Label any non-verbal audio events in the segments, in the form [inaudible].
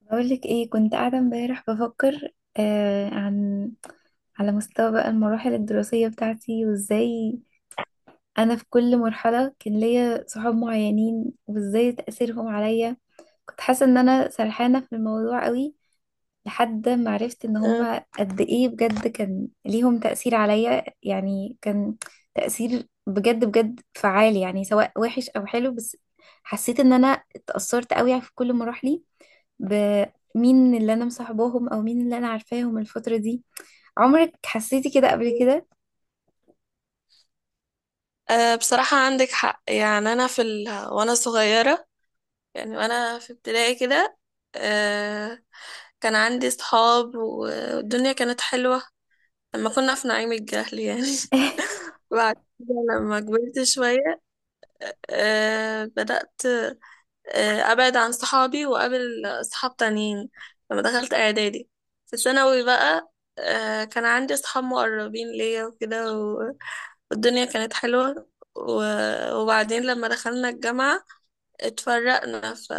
بقولك ايه، كنت قاعدة امبارح بفكر، آه عن على مستوى بقى المراحل الدراسية بتاعتي، وازاي انا في كل مرحلة كان ليا صحاب معينين، وازاي تأثيرهم عليا. كنت حاسة ان انا سرحانة في الموضوع قوي لحد ما عرفت ان آه، هما قد ايه بجد كان ليهم تأثير عليا. يعني كان تأثير بجد بجد فعال، يعني سواء وحش او حلو. بس حسيت ان انا اتأثرت قوي في كل مراحلي بمين اللي انا مصاحباهم او مين اللي انا عارفاهم الفترة دي. عمرك حسيتي كده قبل كده؟ بصراحة عندك حق، يعني أنا وأنا صغيرة، يعني وأنا في ابتدائي كده. آه، كان عندي صحاب والدنيا كانت حلوة لما كنا في نعيم الجهل يعني. [laughs] [laughs] بعد كده لما كبرت شوية بدأت أبعد عن صحابي وأقابل صحاب تانيين لما دخلت إعدادي. في ثانوي بقى كان عندي صحاب مقربين ليا وكده، الدنيا كانت حلوة. و... وبعدين لما دخلنا الجامعة اتفرقنا،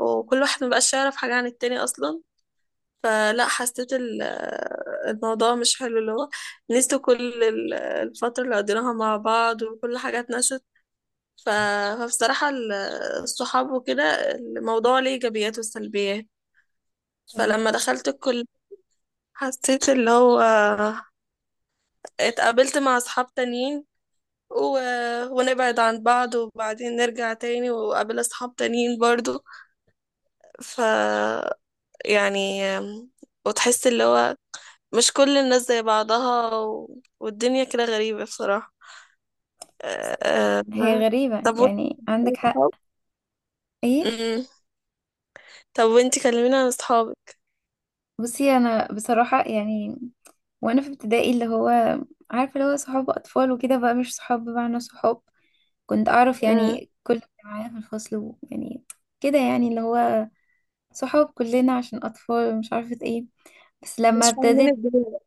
وكل واحد مبقاش يعرف حاجة عن التاني أصلا. فلا حسيت الموضوع مش حلو، اللي هو نسيت كل الفترة اللي قضيناها مع بعض وكل حاجة اتنست. ف... فبصراحة الصحاب وكده الموضوع ليه إيجابيات وسلبيات. طب. فلما دخلت الكلية حسيت اللي هو اتقابلت مع أصحاب تانيين، و... ونبعد عن بعض وبعدين نرجع تاني وقابل أصحاب تانيين برضو. ف يعني وتحس اللي هو مش كل الناس زي بعضها، والدنيا كده غريبة بصراحة. أه... هي غريبة، طب وانت يعني عندك حق. أصحاب؟ ايه. أمم. طب وانت كلمينا عن أصحابك. بصي انا بصراحة، يعني وانا في ابتدائي، اللي هو عارفة اللي هو صحاب اطفال وكده بقى، مش صحاب بمعنى صحاب. كنت اعرف أمم. يعني كل اللي معايا في الفصل، ويعني كده يعني، اللي هو صحاب كلنا عشان اطفال مش عارفة ايه. بس لما مش فاهمين ابتديت، الدنيا بقى.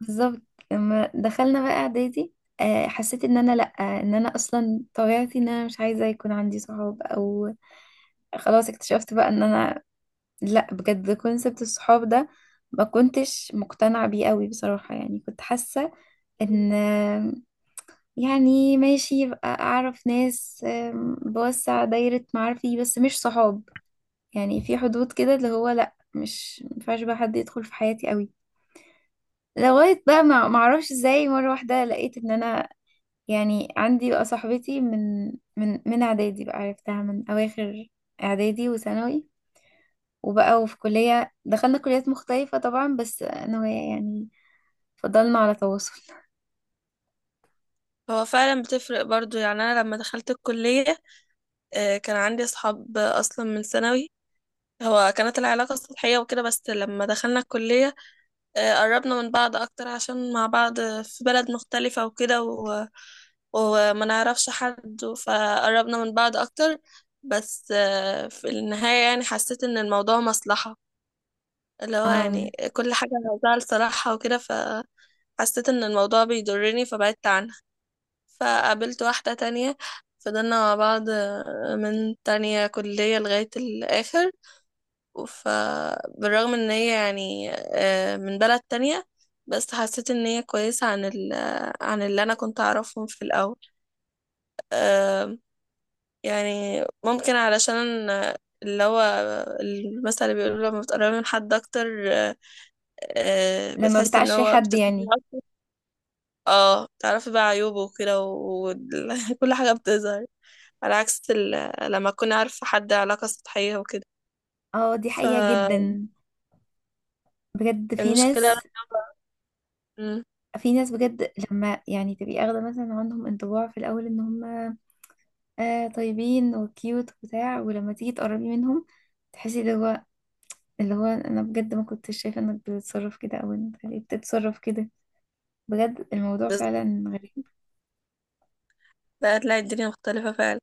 بالظبط، لما دخلنا بقى اعدادي، حسيت ان انا لا، ان انا اصلا طبيعتي ان انا مش عايزه يكون عندي صحاب، او خلاص اكتشفت بقى ان انا لا، بجد كونسبت الصحاب ده ما كنتش مقتنعه بيه قوي بصراحه. يعني كنت حاسه ان، يعني ماشي يبقى اعرف ناس، بوسع دايره معارفي بس مش صحاب. يعني في حدود كده، اللي هو لا مش مينفعش بقى حد يدخل في حياتي قوي، لغاية بقى ما معرفش ازاي مرة واحدة لقيت ان انا، يعني عندي بقى صاحبتي من اعدادي بقى، عرفتها من اواخر اعدادي وثانوي، وبقى وفي كلية دخلنا كليات مختلفة طبعا، بس انا وهي يعني فضلنا على تواصل. هو فعلا بتفرق برضو، يعني أنا لما دخلت الكلية كان عندي أصحاب أصلا من ثانوي. هو كانت العلاقة سطحية وكده بس لما دخلنا الكلية قربنا من بعض اكتر عشان مع بعض في بلد مختلفة وكده، وما نعرفش حد فقربنا من بعض اكتر. بس في النهاية يعني حسيت ان الموضوع مصلحة، اللي [laughs] هو يعني أم. كل حاجة عاوزاها لصالحها وكده، فحسيت ان الموضوع بيضرني فبعدت عنها. فقابلت واحدة تانية فضلنا مع بعض من تانية كلية لغاية الآخر. فبالرغم ان هي يعني من بلد تانية بس حسيت ان هي كويسة عن عن اللي انا كنت اعرفهم في الاول. آم، يعني ممكن علشان اللي هو المثل اللي بيقولوا لما بتقربي من حد اكتر آه، لما بتحس ان بتعشري هو حد بتفهمي يعني. أكتر. اه، تعرفي بقى عيوبه وكده وكل [laughs] حاجة بتظهر على عكس لما تكوني عارفة حد علاقة سطحية وكده. اه، دي حقيقة جدا، بجد في فالمشكلة. ناس، مم. في ناس بجد لما يعني تبقي اخدة مثلا عندهم انطباع في الاول ان هم طيبين وكيوت وبتاع، ولما تيجي تقربي منهم تحسي ده اللي هو، انا بجد ما كنتش شايفه انك بتتصرف كده، او انت ليه بتتصرف كده. بجد الموضوع فعلا غريب. لا، هتلاقي الدنيا مختلفة فعلا.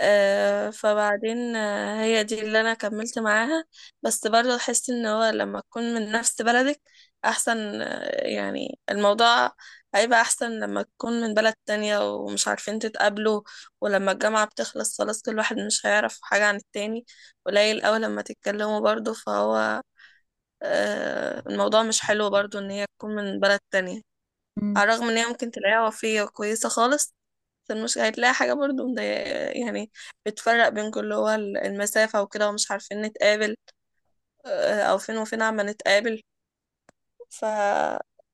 فبعدين هي دي اللي انا كملت معاها. بس برضه احس ان هو لما تكون من نفس بلدك احسن، يعني الموضوع هيبقى احسن لما تكون من بلد تانية ومش عارفين تتقابلوا. ولما الجامعة بتخلص خلاص كل واحد مش هيعرف حاجة عن التاني، قليل اوي لما تتكلموا برضه. فهو الموضوع مش حلو برضه ان هي تكون من بلد تانية. مم. على الرغم ان هي ممكن تلاقيها وفية وكويسة خالص، فالمشكلة هتلاقي حاجة برضو مضايقة، يعني بتفرق بينكم اللي هو المسافة وكده ومش عارفين نتقابل. أو فين وفين عما نتقابل. ف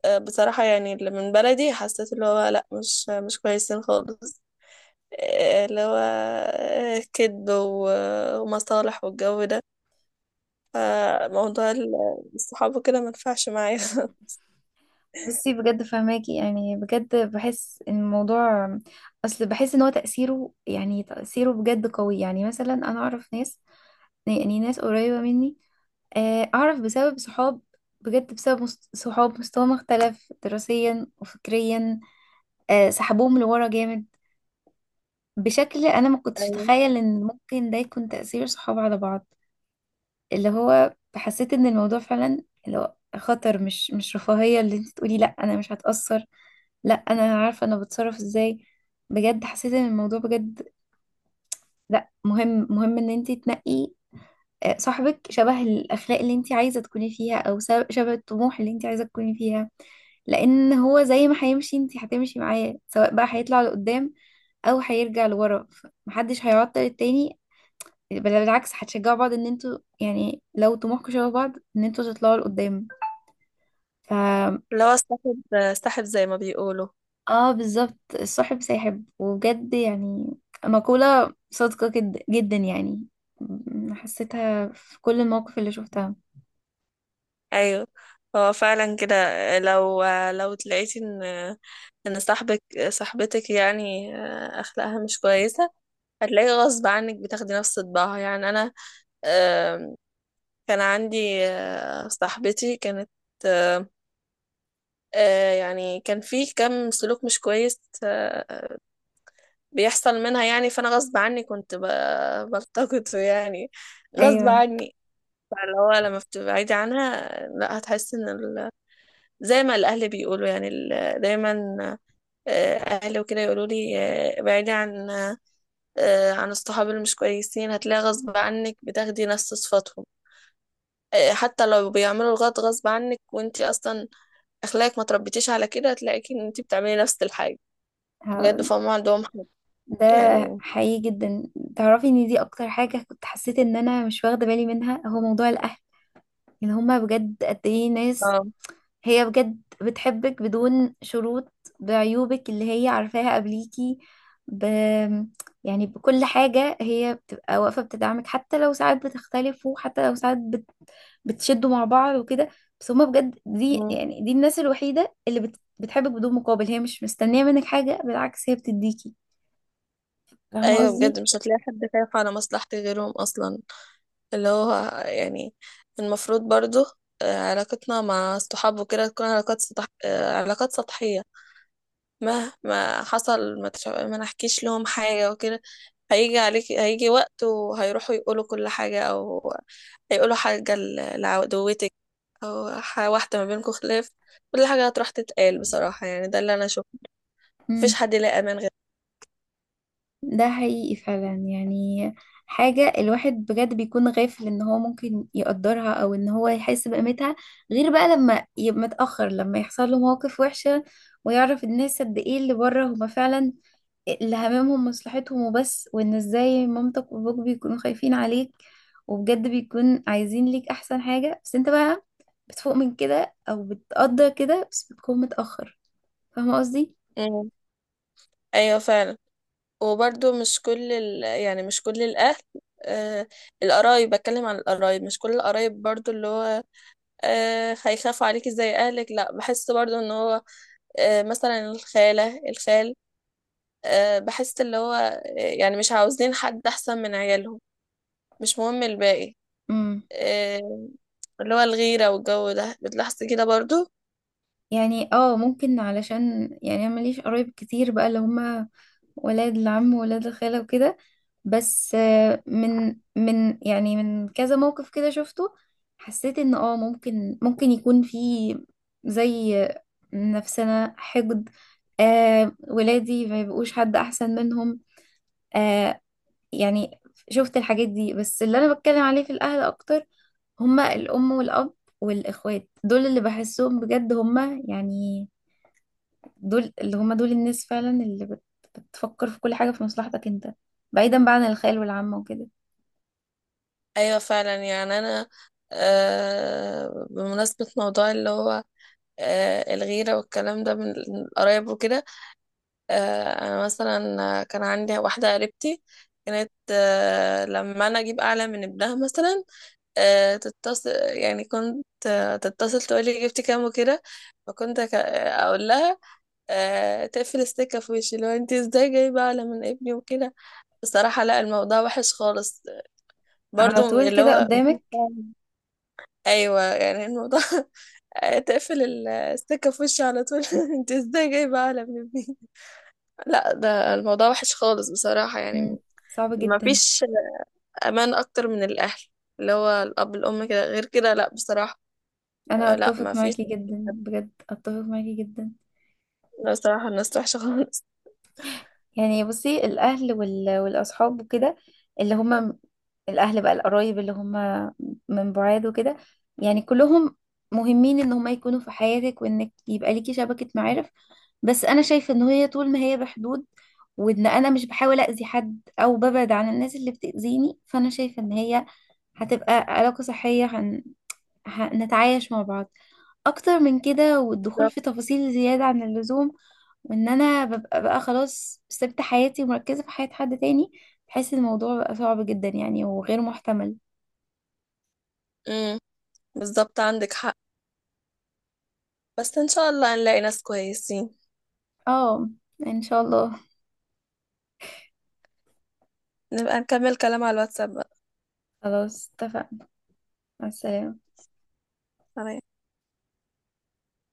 آه، بصراحة يعني اللي من بلدي حسيت اللي هو لأ، مش كويسين خالص. اللي هو كذب ومصالح والجو ده. فموضوع الصحاب وكده ما ينفعش معايا. [laughs] بصي بجد فهماكي، يعني بجد بحس ان الموضوع، اصل بحس ان هو تأثيره يعني تأثيره بجد قوي. يعني مثلا انا اعرف ناس، يعني ناس قريبه مني، اعرف بسبب صحاب، بجد بسبب صحاب مستواهم اختلف دراسيا وفكريا، سحبوهم لورا جامد، بشكل انا ما كنتش اتخيل ان ممكن ده يكون تأثير صحاب على بعض. اللي هو حسيت ان الموضوع فعلا اللي هو خطر، مش رفاهية اللي انت تقولي لا انا مش هتأثر، لا انا عارفة انا بتصرف ازاي. بجد حسيت ان الموضوع بجد لا، مهم مهم ان انت تنقي صاحبك شبه الاخلاق اللي انت عايزة تكوني فيها، او شبه الطموح اللي انت عايزة تكوني فيها. لان هو زي ما هيمشي انت هتمشي معاه، سواء بقى هيطلع لقدام او هيرجع لورا. محدش هيعطل التاني، بل بالعكس هتشجعوا بعض ان انتوا يعني لو طموحكم شبه بعض ان انتوا تطلعوا لقدام. ف اللي هو استحب استحب زي ما بيقولوا. اه بالظبط، الصاحب ساحب، وبجد يعني مقولة صادقة جد جدا يعني. حسيتها في كل المواقف اللي شفتها. ايوه، هو فعلا كده. لو لو تلاقيتي ان صاحبتك يعني اخلاقها مش كويسه، هتلاقي غصب عنك بتاخدي نفس طباعها. يعني انا آم، كان عندي صاحبتي كانت يعني كان في كم سلوك مش كويس بيحصل منها، يعني فانا غصب عني كنت بلتقطه يعني، غصب ايوه. عني. فاللي هو لما بتبعدي عنها، لا هتحسي ان زي ما الأهل بيقولوا، يعني دايما آه، أهلي وكده يقولوا لي ابعدي عن الصحاب اللي مش كويسين، هتلاقي غصب عنك بتاخدي نفس صفاتهم. حتى لو بيعملوا الغلط غصب عنك، وانتي أصلا أخلاقك ما تربيتيش على كده، هتلاقيكي ان انتي بتعملي نفس الحاجة. بجد ه- فهم عندهم حق. ده يعني. حقيقي جدا. تعرفي ان دي اكتر حاجة كنت حسيت ان انا مش واخدة بالي منها، هو موضوع الاهل، ان هما بجد قد ايه ناس. اه. هي بجد بتحبك بدون شروط، بعيوبك اللي هي عارفاها قبليكي، ب... يعني بكل حاجة هي بتبقى واقفة بتدعمك، حتى لو ساعات بتختلفوا، حتى لو ساعات بتشدوا مع بعض وكده. بس هما بجد دي مم. يعني دي الناس الوحيدة اللي بتحبك بدون مقابل، هي مش مستنية منك حاجة، بالعكس هي بتديكي. فاهمة أيوة قصدي؟ بجد مش هتلاقي حد خايف على مصلحتك غيرهم أصلا، اللي هو يعني المفروض برضو علاقتنا مع الصحاب وكده تكون علاقات سطحية. مهما حصل، ما نحكيش لهم حاجة وكده. هيجي عليك هيجي وقت وهيروحوا يقولوا كل حاجة، أو هيقولوا حاجة لعدوتك أو واحدة ما بينكم خلاف. كل حاجة هتروح تتقال، بصراحة يعني ده اللي أنا أشوفه. مفيش امم. حد يلاقي أمان غير. ده حقيقي فعلا يعني، حاجة الواحد بجد بيكون غافل ان هو ممكن يقدرها او ان هو يحس بقيمتها، غير بقى لما يبقى متأخر، لما يحصل له مواقف وحشة ويعرف الناس قد ايه اللي بره هما فعلا اللي هممهم مصلحتهم وبس. وان ازاي مامتك وابوك بيكونوا خايفين عليك، وبجد بيكون عايزين ليك احسن حاجة، بس انت بقى بتفوق من كده او بتقدر كده بس بتكون متأخر. فاهمة قصدي؟ مم. أيوة فعلا. وبرضو مش كل يعني مش كل الأهل آه القرايب، بتكلم عن القرايب مش كل القرايب برضو، اللي هو هيخافوا عليكي زي أهلك. لا، بحس برضو إن هو مثلا الخالة الخال. بحس اللي هو يعني مش عاوزين حد أحسن من عيالهم، مش مهم الباقي. امم. آه اللي هو الغيرة والجو ده بتلاحظي كده برضو. يعني ممكن، علشان يعني انا ماليش قرايب كتير بقى اللي هما ولاد العم وولاد الخالة وكده. بس آه، من من يعني من كذا موقف كده شفته، حسيت ان ممكن ممكن يكون في زي، نفسنا حقد، ولادي ما يبقوش حد احسن منهم. آه يعني شفت الحاجات دي. بس اللي انا بتكلم عليه في الاهل اكتر هما الام والاب والاخوات. دول اللي بحسهم بجد هما يعني، دول اللي هم دول الناس فعلا اللي بتفكر في كل حاجة في مصلحتك انت، بعيدا بقى عن الخيال والعامة وكده. أيوة فعلا، يعني أنا بمناسبة موضوع اللي هو الغيرة والكلام ده من القرايب وكده. انا مثلا كان عندي واحده قريبتي كانت لما انا اجيب اعلى من ابنها مثلا تتصل، يعني كنت تتصل تقولي جبتي كام وكده. فكنت اقول لها تقفل السكه في وشي. لو انت ازاي جايبه اعلى من ابني وكده، بصراحه لا، الموضوع وحش خالص، على برضو طول اللي كده هو قدامك. [laughs] ايوه يعني الموضوع. [laughs] تقفل السكه في وشي على طول. [laughs] انت ازاي جايبه اعلى من ابني. لا، ده الموضوع وحش خالص بصراحه يعني. مم. صعب جدا. مفيش امان اكتر من الاهل، اللي هو الاب الام كده، غير كده لا بصراحه. انا لا اتفق مفيش. معاكي جدا، بجد اتفق معاكي جدا. لا بصراحه الناس وحشه خالص. يعني بصي، الاهل والاصحاب وكده، اللي هم الاهل بقى، القرايب اللي هم من بعاد وكده، يعني كلهم مهمين ان هم يكونوا في حياتك، وانك يبقى ليكي شبكة معارف. بس انا شايفة ان هي طول ما هي بحدود، وان انا مش بحاول اذي حد او ببعد عن الناس اللي بتأذيني، فانا شايفة ان هي هتبقى علاقة صحية. هنتعايش مع بعض. اكتر من كده والدخول بالظبط. في تفاصيل زيادة عن اللزوم وان انا ببقى بقى خلاص سبت حياتي ومركزة في حياة حد تاني، بحس إن الموضوع بقى صعب جدا يعني وغير محتمل. امم. بالظبط عندك حق، بس ان شاء الله هنلاقي ناس كويسين. اه، ان شاء الله. نبقى نكمل كلام على الواتساب بقى. خلاص اتفقنا. مع السلامة. سلام.